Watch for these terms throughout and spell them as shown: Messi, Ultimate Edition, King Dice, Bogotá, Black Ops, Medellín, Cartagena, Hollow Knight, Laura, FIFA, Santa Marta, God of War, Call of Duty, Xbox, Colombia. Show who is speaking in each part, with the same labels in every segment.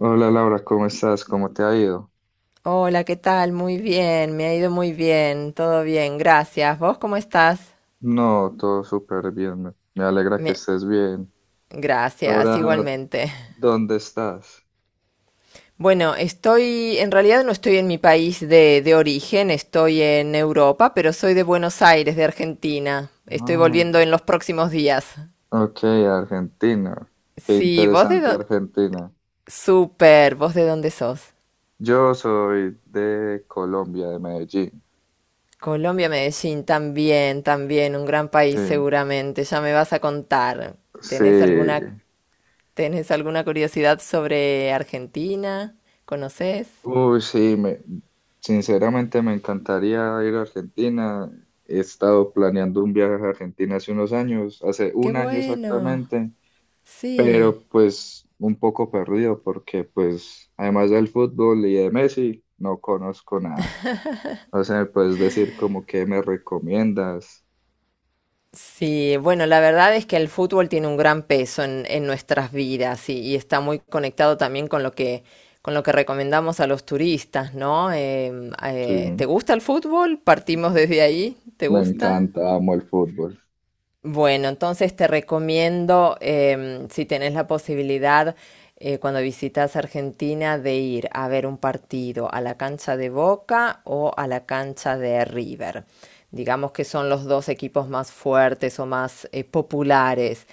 Speaker 1: Hola Laura, ¿cómo estás? ¿Cómo te ha ido?
Speaker 2: Hola, ¿qué tal? Muy bien, me ha ido muy bien, todo bien, gracias. ¿Vos cómo estás?
Speaker 1: No, todo súper bien. Me alegra que
Speaker 2: Me-
Speaker 1: estés bien.
Speaker 2: Gracias,
Speaker 1: Ahora,
Speaker 2: igualmente.
Speaker 1: ¿dónde estás?
Speaker 2: Bueno, en realidad no estoy en mi país de origen, estoy en Europa, pero soy de Buenos Aires, de Argentina. Estoy
Speaker 1: Ah,
Speaker 2: volviendo en los próximos días.
Speaker 1: ok, Argentina. Qué
Speaker 2: Sí, vos de
Speaker 1: interesante
Speaker 2: dónde...
Speaker 1: Argentina.
Speaker 2: Súper, ¿vos de dónde sos?
Speaker 1: Yo soy de Colombia, de Medellín.
Speaker 2: Colombia, Medellín, también, también, un gran
Speaker 1: Sí,
Speaker 2: país seguramente. Ya me vas a contar. ¿Tenés alguna
Speaker 1: sí.
Speaker 2: ¿Tenés alguna curiosidad sobre Argentina? ¿Conoces?
Speaker 1: Uy, sí, sinceramente me encantaría ir a Argentina. He estado planeando un viaje a Argentina hace unos años, hace
Speaker 2: ¡Qué
Speaker 1: un año
Speaker 2: bueno!
Speaker 1: exactamente.
Speaker 2: Sí.
Speaker 1: Pero pues un poco perdido porque pues además del fútbol y de Messi no conozco nada. No sé, me puedes decir como que me recomiendas.
Speaker 2: Sí, bueno, la verdad es que el fútbol tiene un gran peso en nuestras vidas y está muy conectado también con lo con lo que recomendamos a los turistas, ¿no?
Speaker 1: Sí,
Speaker 2: ¿Te gusta el fútbol? Partimos desde ahí. ¿Te
Speaker 1: me
Speaker 2: gusta?
Speaker 1: encanta, amo el fútbol.
Speaker 2: Bueno, entonces te recomiendo, si tenés la posibilidad, cuando visitas Argentina, de ir a ver un partido a la cancha de Boca o a la cancha de River. Digamos que son los dos equipos más fuertes o más populares.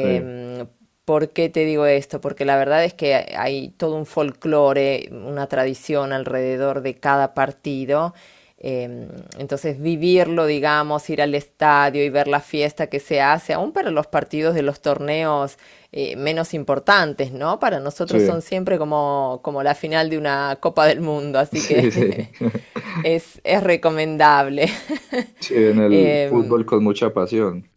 Speaker 1: Sí,
Speaker 2: ¿Por qué te digo esto? Porque la verdad es que hay todo un folclore, una tradición alrededor de cada partido. Eh, entonces, vivirlo, digamos, ir al estadio y ver la fiesta que se hace, aún para los partidos de los torneos menos importantes, ¿no? Para nosotros son
Speaker 1: sí,
Speaker 2: siempre como, como la final de una Copa del Mundo, así que
Speaker 1: sí, sí.
Speaker 2: es recomendable.
Speaker 1: Sí, en el
Speaker 2: Eh,
Speaker 1: fútbol con mucha pasión.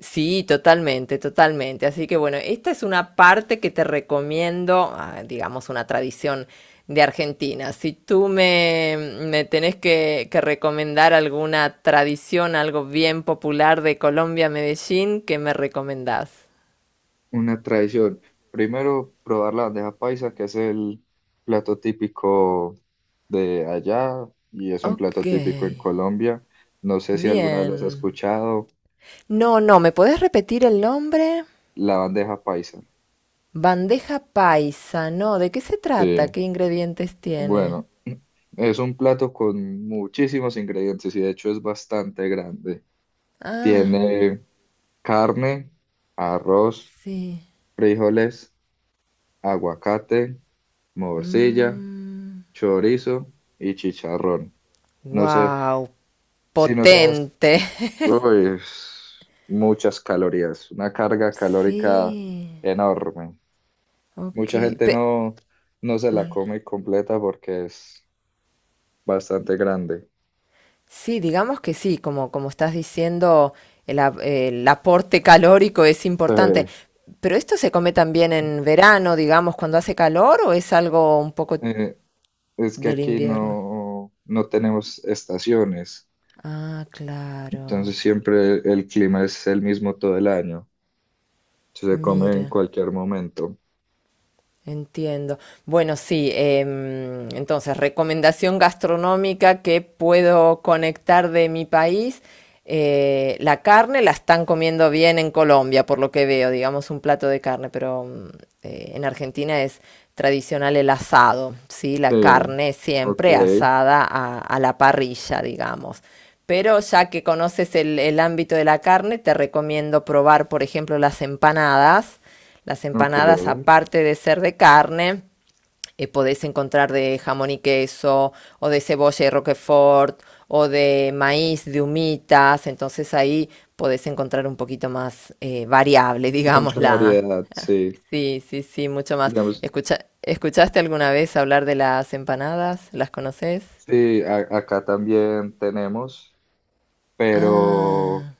Speaker 2: sí, totalmente, totalmente. Así que bueno, esta es una parte que te recomiendo, ah, digamos, una tradición de Argentina. Si tú me tenés que recomendar alguna tradición, algo bien popular de Colombia, Medellín, ¿qué me recomendás?
Speaker 1: Una tradición. Primero, probar la bandeja paisa, que es el plato típico de allá y es un
Speaker 2: Ok,
Speaker 1: plato típico en Colombia. No sé si alguna vez las has
Speaker 2: bien.
Speaker 1: escuchado.
Speaker 2: No, no, ¿me podés repetir el nombre?
Speaker 1: La bandeja paisa,
Speaker 2: Bandeja paisa, no, ¿de qué se trata?
Speaker 1: sí.
Speaker 2: ¿Qué ingredientes tiene?
Speaker 1: Bueno, es un plato con muchísimos ingredientes y de hecho es bastante grande.
Speaker 2: Ah,
Speaker 1: Tiene carne, arroz,
Speaker 2: sí.
Speaker 1: frijoles, aguacate, morcilla,
Speaker 2: Mm.
Speaker 1: chorizo y chicharrón. No sé,
Speaker 2: Wow,
Speaker 1: si no sabes,
Speaker 2: potente.
Speaker 1: uy, es muchas calorías, una carga calórica
Speaker 2: Sí,
Speaker 1: enorme.
Speaker 2: ok.
Speaker 1: Mucha gente
Speaker 2: Pe-
Speaker 1: no, no se la
Speaker 2: no, no.
Speaker 1: come completa porque es bastante grande.
Speaker 2: Sí, digamos que sí, como, como estás diciendo, el aporte calórico es
Speaker 1: Eh,
Speaker 2: importante. Pero esto se come también en verano, digamos, cuando hace calor, o es algo un poco
Speaker 1: eh, es que
Speaker 2: del
Speaker 1: aquí
Speaker 2: invierno.
Speaker 1: no, no tenemos estaciones,
Speaker 2: Ah,
Speaker 1: entonces
Speaker 2: claro.
Speaker 1: siempre el clima es el mismo todo el año, se come en
Speaker 2: Mira.
Speaker 1: cualquier momento.
Speaker 2: Entiendo. Bueno, sí, entonces, recomendación gastronómica que puedo conectar de mi país. La carne la están comiendo bien en Colombia, por lo que veo, digamos un plato de carne, pero en Argentina es tradicional el asado, ¿sí? La
Speaker 1: Sí,
Speaker 2: carne
Speaker 1: ok,
Speaker 2: siempre asada a la parrilla, digamos. Pero ya que conoces el ámbito de la carne, te recomiendo probar, por ejemplo, las empanadas. Las
Speaker 1: ok,
Speaker 2: empanadas, aparte de ser de carne, podés encontrar de jamón y queso, o de cebolla y roquefort, o de maíz, de humitas, entonces ahí podés encontrar un poquito más variable, digamos,
Speaker 1: mucha
Speaker 2: la...
Speaker 1: variedad, sí.
Speaker 2: Sí, sí, sí, mucho más.
Speaker 1: Digamos,
Speaker 2: Escucha- ¿Escuchaste alguna vez hablar de las empanadas? ¿Las conoces?
Speaker 1: sí, acá también tenemos, pero
Speaker 2: Ah,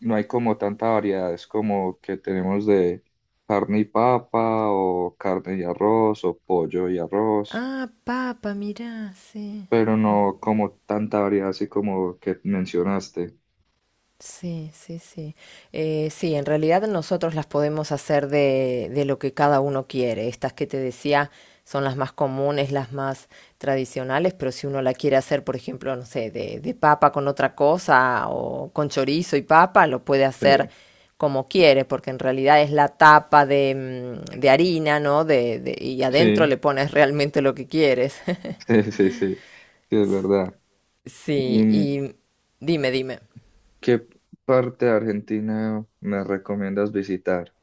Speaker 1: no hay como tanta variedad, es como que tenemos de carne y papa o carne y arroz o pollo y arroz.
Speaker 2: ah, papa, mirá, sí.
Speaker 1: Pero no como tanta variedad así como que mencionaste.
Speaker 2: Sí, sí, sí. Sí, en realidad nosotros las podemos hacer de lo que cada uno quiere. Estas que te decía son las más comunes, las más tradicionales, pero si uno la quiere hacer, por ejemplo, no sé, de papa con otra cosa o con chorizo y papa, lo puede hacer
Speaker 1: Sí,
Speaker 2: como quiere, porque en realidad es la tapa de, mm, de harina, ¿no? De- y adentro
Speaker 1: sí,
Speaker 2: le pones realmente lo que quieres.
Speaker 1: sí, sí, sí, sí, es verdad.
Speaker 2: Sí,
Speaker 1: ¿Y
Speaker 2: y dime, dime.
Speaker 1: qué parte de Argentina me recomiendas visitar?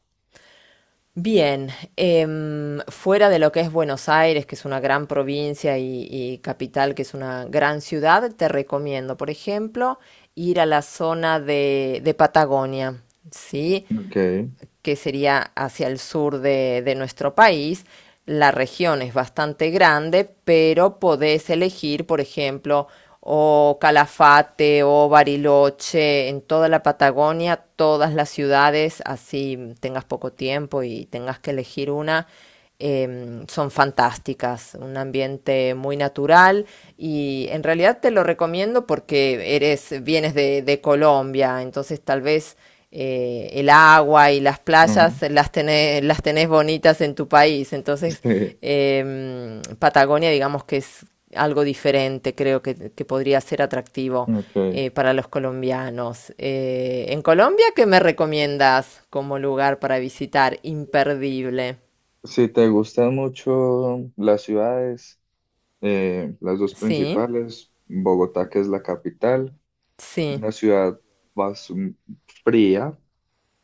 Speaker 2: Bien, fuera de lo que es Buenos Aires, que es una gran provincia y capital, que es una gran ciudad, te recomiendo, por ejemplo, ir a la zona de Patagonia, ¿sí?
Speaker 1: Ok,
Speaker 2: Que sería hacia el sur de nuestro país. La región es bastante grande, pero podés elegir, por ejemplo, o Calafate o Bariloche, en toda la Patagonia, todas las ciudades, así tengas poco tiempo y tengas que elegir una, son fantásticas, un ambiente muy natural y en realidad te lo recomiendo porque eres, vienes de Colombia, entonces tal vez el agua y las playas
Speaker 1: ujú,
Speaker 2: las tenés bonitas en tu país, entonces
Speaker 1: sí,
Speaker 2: Patagonia digamos que es algo diferente, creo que podría ser atractivo.
Speaker 1: ok.
Speaker 2: Eh, para los colombianos. En Colombia, ¿qué me recomiendas como lugar para visitar? Imperdible.
Speaker 1: Si te gustan mucho las ciudades, las dos
Speaker 2: Sí,
Speaker 1: principales, Bogotá, que es la capital,
Speaker 2: sí.
Speaker 1: una ciudad más fría,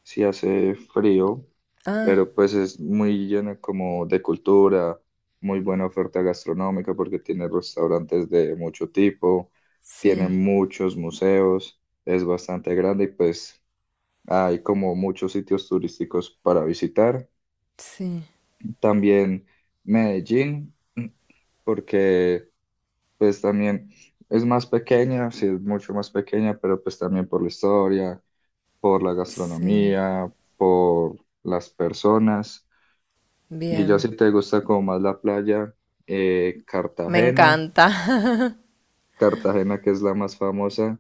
Speaker 1: sí hace frío,
Speaker 2: Ah,
Speaker 1: pero pues es muy lleno como de cultura, muy buena oferta gastronómica porque tiene restaurantes de mucho tipo, tiene
Speaker 2: sí,
Speaker 1: muchos museos, es bastante grande y pues hay como muchos sitios turísticos para visitar.
Speaker 2: sí,
Speaker 1: También Medellín, porque pues también es más pequeña, sí es mucho más pequeña, pero pues también por la historia, por la
Speaker 2: sí.
Speaker 1: gastronomía, por las personas. Y ya
Speaker 2: Bien.
Speaker 1: si te gusta como más la playa,
Speaker 2: Me
Speaker 1: Cartagena,
Speaker 2: encanta.
Speaker 1: Cartagena que es la más famosa,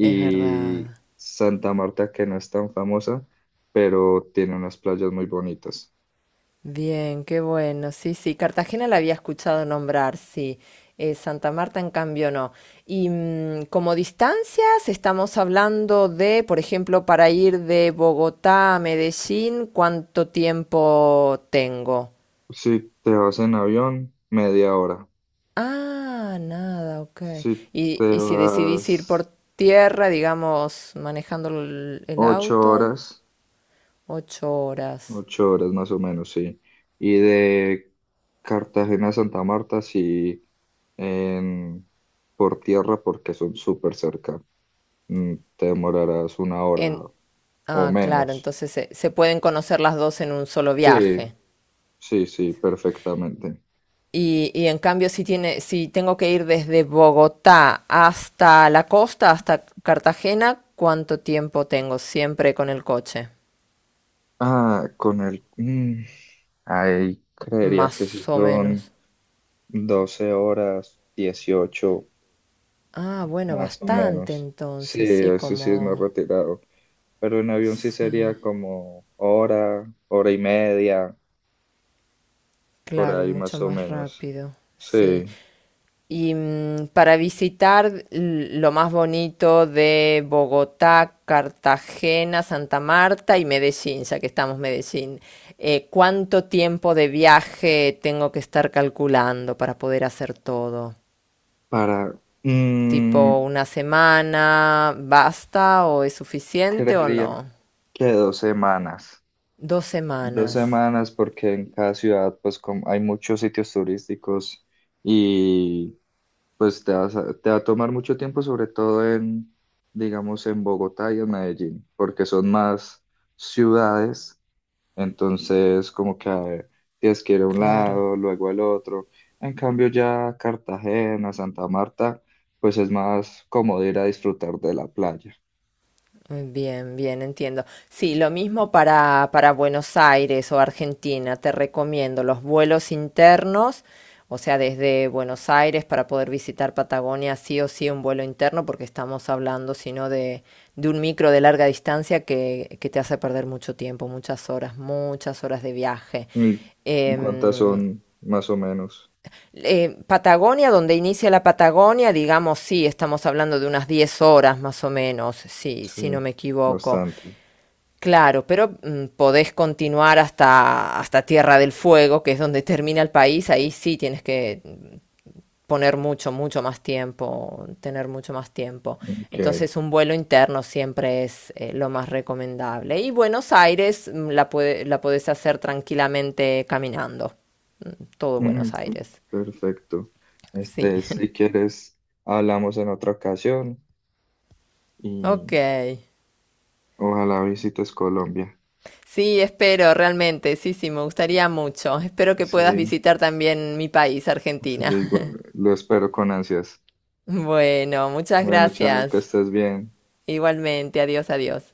Speaker 2: Es verdad.
Speaker 1: Santa Marta que no es tan famosa, pero tiene unas playas muy bonitas.
Speaker 2: Bien, qué bueno. Sí, sí. Cartagena la había escuchado nombrar, sí. Santa Marta, en cambio, no. Y mm, como distancias, estamos hablando de, por ejemplo, para ir de Bogotá a Medellín, ¿cuánto tiempo tengo?
Speaker 1: Si te vas en avión, media hora.
Speaker 2: Ah, nada, ok.
Speaker 1: Si te
Speaker 2: Y si decidís
Speaker 1: vas
Speaker 2: ir por tierra, digamos, manejando el
Speaker 1: ocho
Speaker 2: auto,
Speaker 1: horas.
Speaker 2: 8 horas.
Speaker 1: 8 horas más o menos, sí. Y de Cartagena a Santa Marta, sí, en, por tierra, porque son súper cerca. Te demorarás una hora
Speaker 2: En,
Speaker 1: o
Speaker 2: ah, claro,
Speaker 1: menos.
Speaker 2: entonces se pueden conocer las dos en un solo viaje.
Speaker 1: Sí, sí, sí, perfectamente.
Speaker 2: Y en cambio, si tiene, si tengo que ir desde Bogotá hasta la costa, hasta Cartagena, ¿cuánto tiempo tengo siempre con el coche?
Speaker 1: Ah, ahí creería que
Speaker 2: Más
Speaker 1: sí
Speaker 2: o
Speaker 1: son
Speaker 2: menos.
Speaker 1: 12 horas, 18
Speaker 2: Ah, bueno,
Speaker 1: más o
Speaker 2: bastante
Speaker 1: menos. Sí,
Speaker 2: entonces, sí,
Speaker 1: eso sí es más
Speaker 2: como...
Speaker 1: retirado. Pero en avión sí
Speaker 2: Sí.
Speaker 1: sería como hora, hora y media, por
Speaker 2: Claro,
Speaker 1: ahí
Speaker 2: mucho
Speaker 1: más o
Speaker 2: más
Speaker 1: menos.
Speaker 2: rápido, sí.
Speaker 1: Sí,
Speaker 2: Y mm, para visitar l- lo más bonito de Bogotá, Cartagena, Santa Marta y Medellín, ya que estamos en Medellín, ¿cuánto tiempo de viaje tengo que estar calculando para poder hacer todo?
Speaker 1: para, mm,
Speaker 2: ¿Tipo una semana basta o es suficiente o
Speaker 1: creería
Speaker 2: no?
Speaker 1: que 2 semanas.
Speaker 2: Dos
Speaker 1: Dos
Speaker 2: semanas,
Speaker 1: semanas porque en cada ciudad pues como hay muchos sitios turísticos y pues te va a tomar mucho tiempo, sobre todo en, digamos, en Bogotá y en Medellín, porque son más ciudades. Entonces, como que tienes que ir a un
Speaker 2: claro.
Speaker 1: lado, luego al otro. En cambio, ya Cartagena, Santa Marta, pues es más cómodo ir a disfrutar de la playa.
Speaker 2: Bien, bien, entiendo. Sí, lo mismo para Buenos Aires o Argentina. Te recomiendo los vuelos internos, o sea, desde Buenos Aires para poder visitar Patagonia, sí o sí un vuelo interno, porque estamos hablando, si no, de un micro de larga distancia que te hace perder mucho tiempo, muchas horas de viaje.
Speaker 1: ¿Y cuántas
Speaker 2: Em,
Speaker 1: son más o menos?
Speaker 2: Patagonia, donde inicia la Patagonia, digamos, sí, estamos hablando de unas 10 horas más o menos, sí,
Speaker 1: Sí,
Speaker 2: si no me equivoco.
Speaker 1: bastante.
Speaker 2: Claro, pero mm, podés continuar hasta, hasta Tierra del Fuego, que es donde termina el país. Ahí sí tienes que poner mucho, mucho más tiempo, tener mucho más tiempo.
Speaker 1: Ok.
Speaker 2: Entonces un vuelo interno siempre es lo más recomendable. Y Buenos Aires mm, la, puede- la podés hacer tranquilamente caminando. Todo
Speaker 1: Mm,
Speaker 2: Buenos
Speaker 1: mm,
Speaker 2: Aires.
Speaker 1: perfecto.
Speaker 2: Sí.
Speaker 1: Este, si quieres, hablamos en otra ocasión
Speaker 2: Ok.
Speaker 1: y ojalá visites Colombia.
Speaker 2: Sí, espero, realmente. Sí, sí, me gustaría mucho. Espero que puedas
Speaker 1: Sí,
Speaker 2: visitar también mi país,
Speaker 1: sí,
Speaker 2: Argentina.
Speaker 1: igual, lo espero con ansias.
Speaker 2: Bueno, muchas
Speaker 1: Bueno, chao, que
Speaker 2: gracias.
Speaker 1: estés bien.
Speaker 2: Igualmente, adiós, adiós.